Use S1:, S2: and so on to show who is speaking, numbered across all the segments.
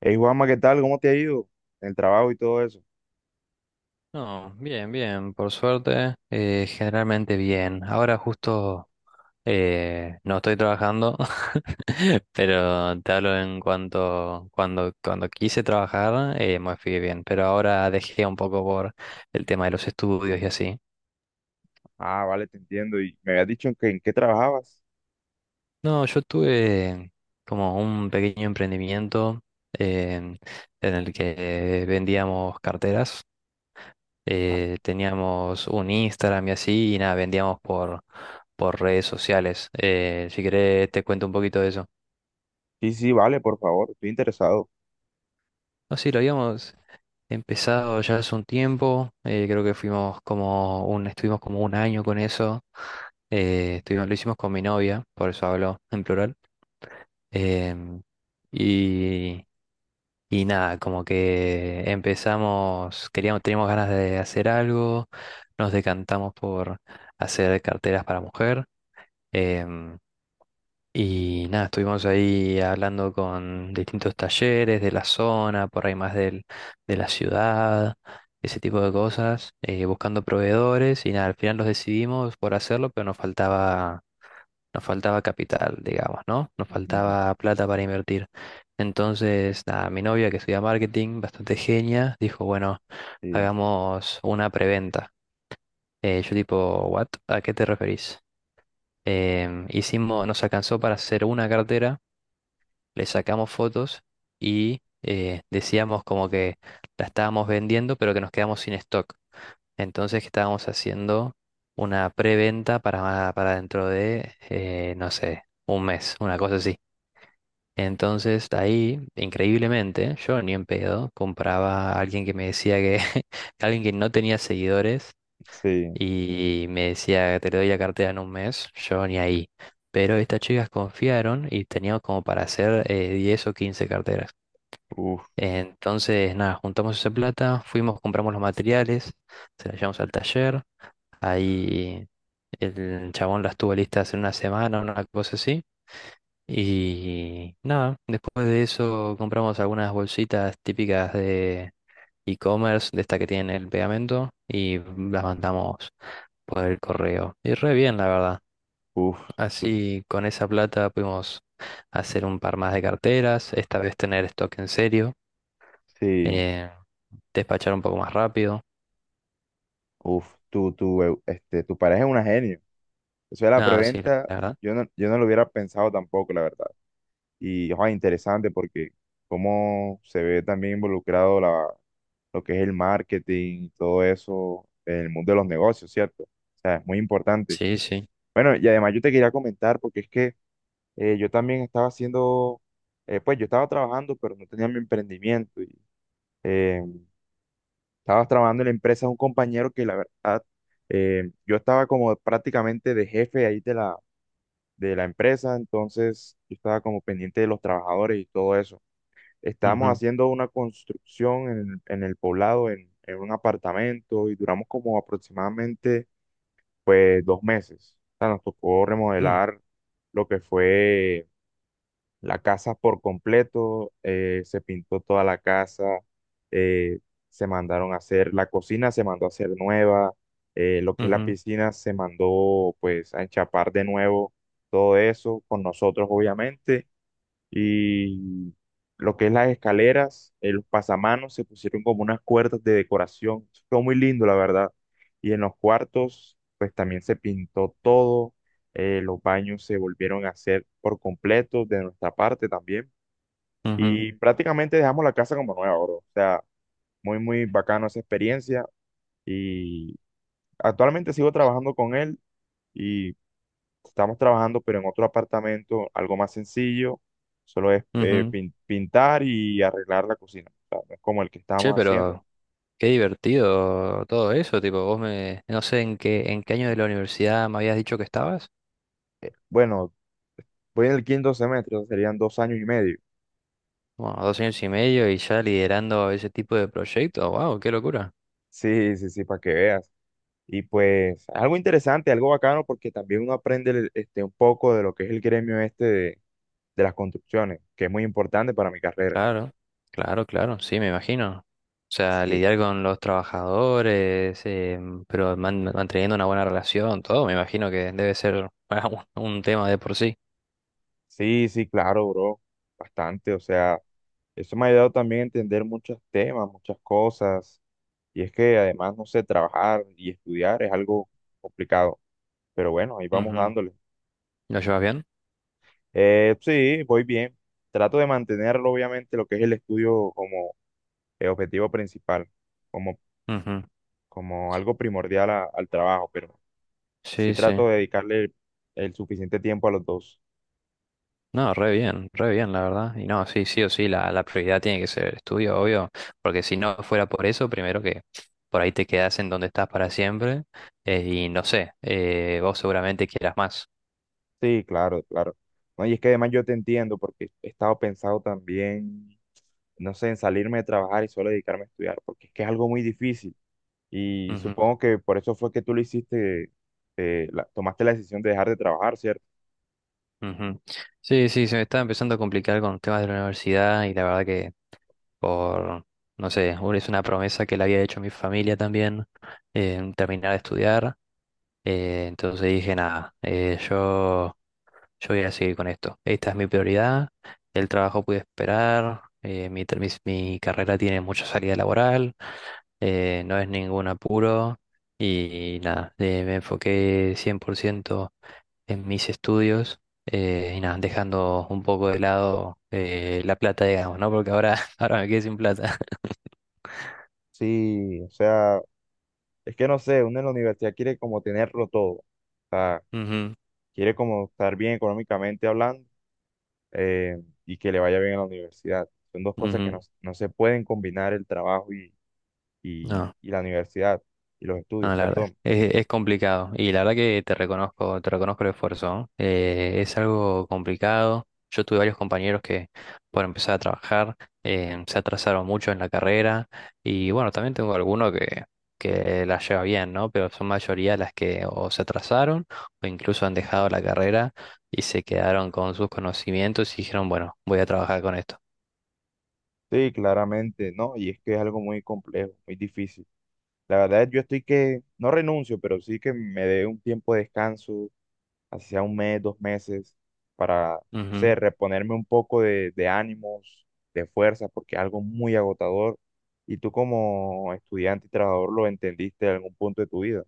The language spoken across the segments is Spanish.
S1: Hey Juanma, ¿qué tal? ¿Cómo te ha ido? El trabajo y todo eso.
S2: No, bien, bien, por suerte, generalmente bien. Ahora justo no estoy trabajando, pero te hablo en cuanto cuando quise trabajar, me fui bien, pero ahora dejé un poco por el tema de los estudios y así.
S1: Ah, vale, te entiendo. Y me habías dicho en qué trabajabas.
S2: No, yo tuve como un pequeño emprendimiento, eh, en el que vendíamos carteras,
S1: Ah,
S2: teníamos un Instagram y así, y nada, vendíamos por redes sociales. Si querés, te cuento un poquito de eso.
S1: sí, sí, vale, por favor, estoy interesado.
S2: No, sí, lo habíamos empezado ya hace un tiempo, creo que fuimos como un, estuvimos como un año con eso, estuvimos, lo hicimos con mi novia, por eso hablo en plural. em, y, y nada, como que empezamos, queríamos, teníamos ganas de hacer algo, nos decantamos por hacer carteras para mujer. Em, y nada, estuvimos ahí hablando con distintos talleres de la zona, por ahí más de la ciudad, ese tipo de cosas, buscando proveedores y nada, al final los decidimos por hacerlo, pero nos faltaba capital, digamos, ¿no? Nos
S1: Ujú.
S2: faltaba plata para invertir. Entonces, nada, mi novia, que estudia marketing, bastante genia, dijo, bueno,
S1: Sí,
S2: hagamos una preventa. Yo tipo, ¿what? ¿A qué te referís? Hicimos, nos alcanzó para hacer una cartera, le sacamos fotos y decíamos como que la estábamos vendiendo, pero que nos quedamos sin stock. Entonces que estábamos haciendo una preventa para dentro de, no sé, un mes, una cosa así. Entonces ahí, increíblemente, yo ni en pedo compraba a alguien que me decía que, alguien que no tenía seguidores
S1: sí,
S2: y me decía, te doy la cartera en un mes, yo ni ahí. Pero estas chicas confiaron y teníamos como para hacer 10 o 15 carteras.
S1: uf,
S2: Entonces, nada, juntamos esa plata, fuimos, compramos los materiales, se las llevamos al taller. Ahí el chabón las tuvo listas en una semana, una cosa así. Y nada, después de eso compramos algunas bolsitas típicas de e-commerce, de esta que tienen el pegamento, y las mandamos por el correo. Y re bien, la verdad.
S1: uf, tú,
S2: Así con esa plata pudimos hacer un par más de carteras, esta vez tener stock en serio,
S1: sí,
S2: eh, despachar un poco más rápido.
S1: uf, tu pareja es una genio. Eso de la
S2: Nada, sí, la
S1: preventa,
S2: verdad.
S1: yo no lo hubiera pensado tampoco, la verdad. Y, ojo, interesante porque cómo se ve también involucrado lo que es el marketing y todo eso en el mundo de los negocios, ¿cierto? O sea, es muy importante.
S2: Sí, sí.
S1: Bueno, y además yo te quería comentar, porque es que yo también estaba haciendo, pues yo estaba trabajando, pero no tenía mi emprendimiento. Y eh, estaba trabajando en la empresa de un compañero que la verdad, yo estaba como prácticamente de jefe ahí de la empresa, entonces yo estaba como pendiente de los trabajadores y todo eso. Estábamos
S2: Ujú,
S1: haciendo una construcción en el poblado, en un apartamento, y duramos como aproximadamente, pues, 2 meses. O sea, nos tocó
S2: mm,
S1: remodelar lo que fue la casa por completo, se pintó toda la casa, eh, se mandaron a hacer, la cocina se mandó a hacer nueva, lo que es la
S2: ujú,
S1: piscina se mandó pues a enchapar de nuevo, todo eso con nosotros obviamente, y lo que es las escaleras, los pasamanos se pusieron como unas cuerdas de decoración. Fue muy lindo, la verdad. Y en los cuartos, pues también se pintó todo. Los baños se volvieron a hacer por completo de nuestra parte también.
S2: ujú,
S1: Y prácticamente dejamos la casa como nueva, bro. O sea, muy, muy bacano esa experiencia. Y actualmente sigo trabajando con él. Y estamos trabajando, pero en otro apartamento, algo más sencillo, solo es
S2: ujú.
S1: pintar y arreglar la cocina. O sea, no es como el que
S2: Che,
S1: estábamos haciendo.
S2: pero qué divertido todo eso, tipo, vos me, no sé en qué, ¿en qué año de la universidad me habías dicho que estabas?
S1: Bueno, voy en el quinto semestre, o sea, serían 2 años y medio.
S2: Bueno, dos años y medio y ya liderando ese tipo de proyectos, wow, qué locura.
S1: Sí, sí, sí, para que veas. Y pues algo interesante, algo bacano, porque también uno aprende este, un poco de lo que es el gremio este de las construcciones, que es muy importante para mi carrera.
S2: Claro, claro, claro, sí, me imagino. O sea,
S1: Sí,
S2: lidiar con los trabajadores, pero manteniendo una buena relación, todo, me imagino que debe ser bueno, un tema de por sí.
S1: sí, sí, claro, bro, bastante. O sea, eso me ha ayudado también a entender muchos temas, muchas cosas. Y es que además, no sé, trabajar y estudiar es algo complicado. Pero bueno, ahí vamos
S2: Ujú.
S1: dándole.
S2: ¿Lo llevas bien?
S1: Sí, voy bien. Trato de mantenerlo, obviamente, lo que es el estudio como objetivo principal, como,
S2: Ujú.
S1: algo primordial al trabajo, pero sí
S2: Sí, sí.
S1: trato de dedicarle el suficiente tiempo a los dos.
S2: No, re bien, la verdad. Y no, sí, sí o sí, la prioridad tiene que ser el estudio, obvio, porque si no fuera por eso, primero que por ahí te quedas en donde estás para siempre, y no sé, vos seguramente quieras más.
S1: Sí, claro, claro. No, y es que además yo te entiendo porque he estado pensado también, no sé, en salirme de trabajar y solo dedicarme a estudiar, porque es que es algo muy difícil. Y supongo que por eso fue que tú lo hiciste, tomaste la decisión de dejar de trabajar, ¿cierto?
S2: Ujú. Sí, sí, se me estaba empezando a complicar con temas de la universidad y la verdad que por, no sé, es una promesa que le había hecho a mi familia también, terminar de estudiar. Entonces dije, nada, yo voy a seguir con esto. Esta es mi prioridad, el trabajo puede esperar, mi carrera tiene mucha salida laboral, no es ningún apuro y nada, me enfoqué 100% en mis estudios, y nada, dejando un poco de lado la plata, digamos, ¿no? Porque ahora, ahora me quedé sin plata.
S1: Sí, o sea, es que no sé, uno en la universidad quiere como tenerlo todo. O sea,
S2: Ujú,
S1: quiere como estar bien económicamente hablando, y que le vaya bien a la universidad. Son dos cosas que no,
S2: ujú.
S1: no se pueden combinar el trabajo
S2: No.
S1: y la universidad y los estudios,
S2: No, la verdad,
S1: perdón.
S2: es complicado y la verdad que te reconozco el esfuerzo, ¿no? Es algo complicado. Yo tuve varios compañeros que por empezar a trabajar se atrasaron mucho en la carrera y bueno, también tengo alguno que la lleva bien, ¿no? Pero son mayoría las que o se atrasaron o incluso han dejado la carrera y se quedaron con sus conocimientos y dijeron, bueno, voy a trabajar con esto.
S1: Sí, claramente, no, y es que es algo muy complejo, muy difícil. La verdad, yo estoy que no renuncio, pero sí que me dé un tiempo de descanso así sea un mes, 2 meses, para, no sé,
S2: Ujú.
S1: reponerme un poco de, ánimos, de fuerza, porque es algo muy agotador y tú como estudiante y trabajador lo entendiste en algún punto de tu vida.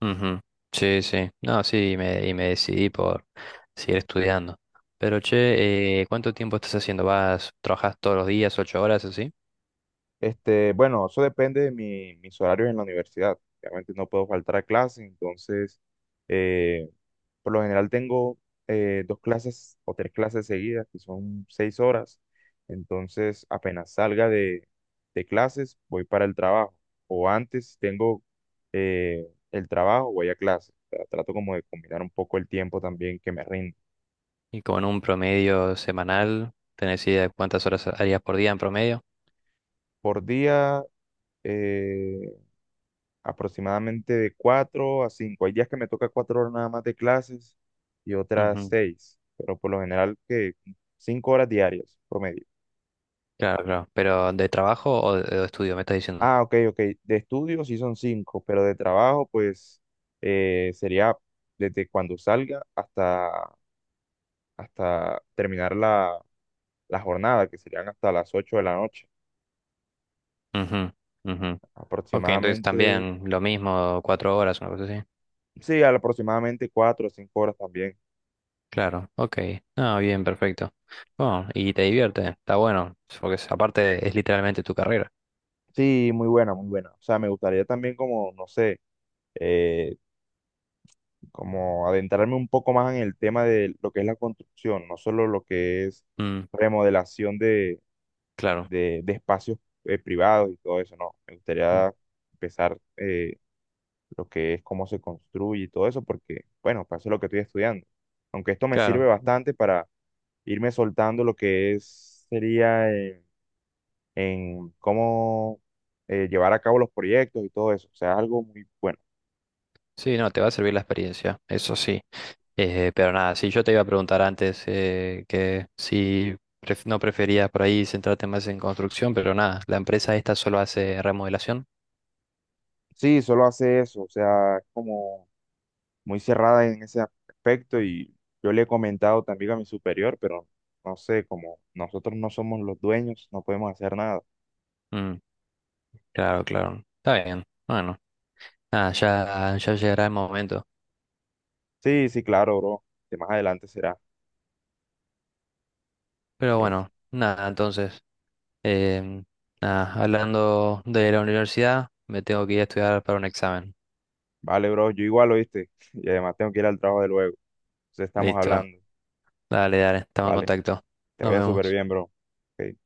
S2: Ujú. Sí, sí. No, sí, y me decidí por seguir estudiando. Pero che, ¿cuánto tiempo estás haciendo? ¿Vas, trabajas todos los días, 8 horas así?
S1: Bueno, eso depende de mis horarios en la universidad. Obviamente no puedo faltar a clase, entonces eh, por lo general tengo dos clases o tres clases seguidas, que son 6 horas. Entonces, apenas salga de clases, voy para el trabajo. O antes tengo eh, el trabajo, voy a clase. O sea, trato como de combinar un poco el tiempo también que me rinde.
S2: Y con un promedio semanal, ¿tenés idea de cuántas horas harías por día en promedio?
S1: Por día, eh, aproximadamente de cuatro a cinco. Hay días que me toca 4 horas nada más de clases y otras
S2: Ujú.
S1: seis, pero por lo general que 5 horas diarias promedio.
S2: Claro, claro. ¿Pero de trabajo o de estudio, me estás diciendo?
S1: Ah, ok, ok. De estudio sí son cinco, pero de trabajo, pues sería desde cuando salga hasta, terminar la jornada, que serían hasta las 8 de la noche.
S2: Ujú, ujú. Ok, entonces
S1: Aproximadamente,
S2: también lo mismo, 4 horas, una cosa así.
S1: sí, aproximadamente 4 o 5 horas también.
S2: Claro, ok. Ah, bien, perfecto. Bueno, y te divierte, está bueno, porque aparte es literalmente tu carrera.
S1: Sí, muy buena, muy buena. O sea, me gustaría también como, no sé, eh, como adentrarme un poco más en el tema de lo que es la construcción, no solo lo que es remodelación
S2: Claro,
S1: de espacios privados y todo eso, no. Me
S2: mm,
S1: gustaría empezar, lo que es cómo se construye y todo eso, porque, bueno, para eso es lo que estoy estudiando. Aunque esto me sirve
S2: claro.
S1: bastante para irme soltando lo que es, sería en cómo llevar a cabo los proyectos y todo eso. O sea, es algo muy bueno.
S2: Sí, no, te va a servir la experiencia, eso sí. Pero nada, si yo te iba a preguntar antes que si no preferías por ahí centrarte más en construcción, pero nada, la empresa esta solo hace remodelación.
S1: Sí, solo hace eso, o sea, es como muy cerrada en ese aspecto y yo le he comentado también a mi superior, pero no sé, como nosotros no somos los dueños, no podemos hacer nada.
S2: Mm, claro, claro. Está bien. Bueno, nada, ya, ya llegará el momento.
S1: Sí, sí, claro, bro. Que más adelante será.
S2: Pero
S1: Eh,
S2: bueno, nada, entonces, em, nada, hablando de la universidad, me tengo que ir a estudiar para un examen.
S1: vale, bro, yo igual oíste. Y además tengo que ir al trabajo de luego. Entonces estamos
S2: Listo.
S1: hablando.
S2: Dale, dale, estamos en
S1: Vale,
S2: contacto.
S1: te
S2: Nos
S1: vaya súper
S2: vemos.
S1: bien, bro. Ok.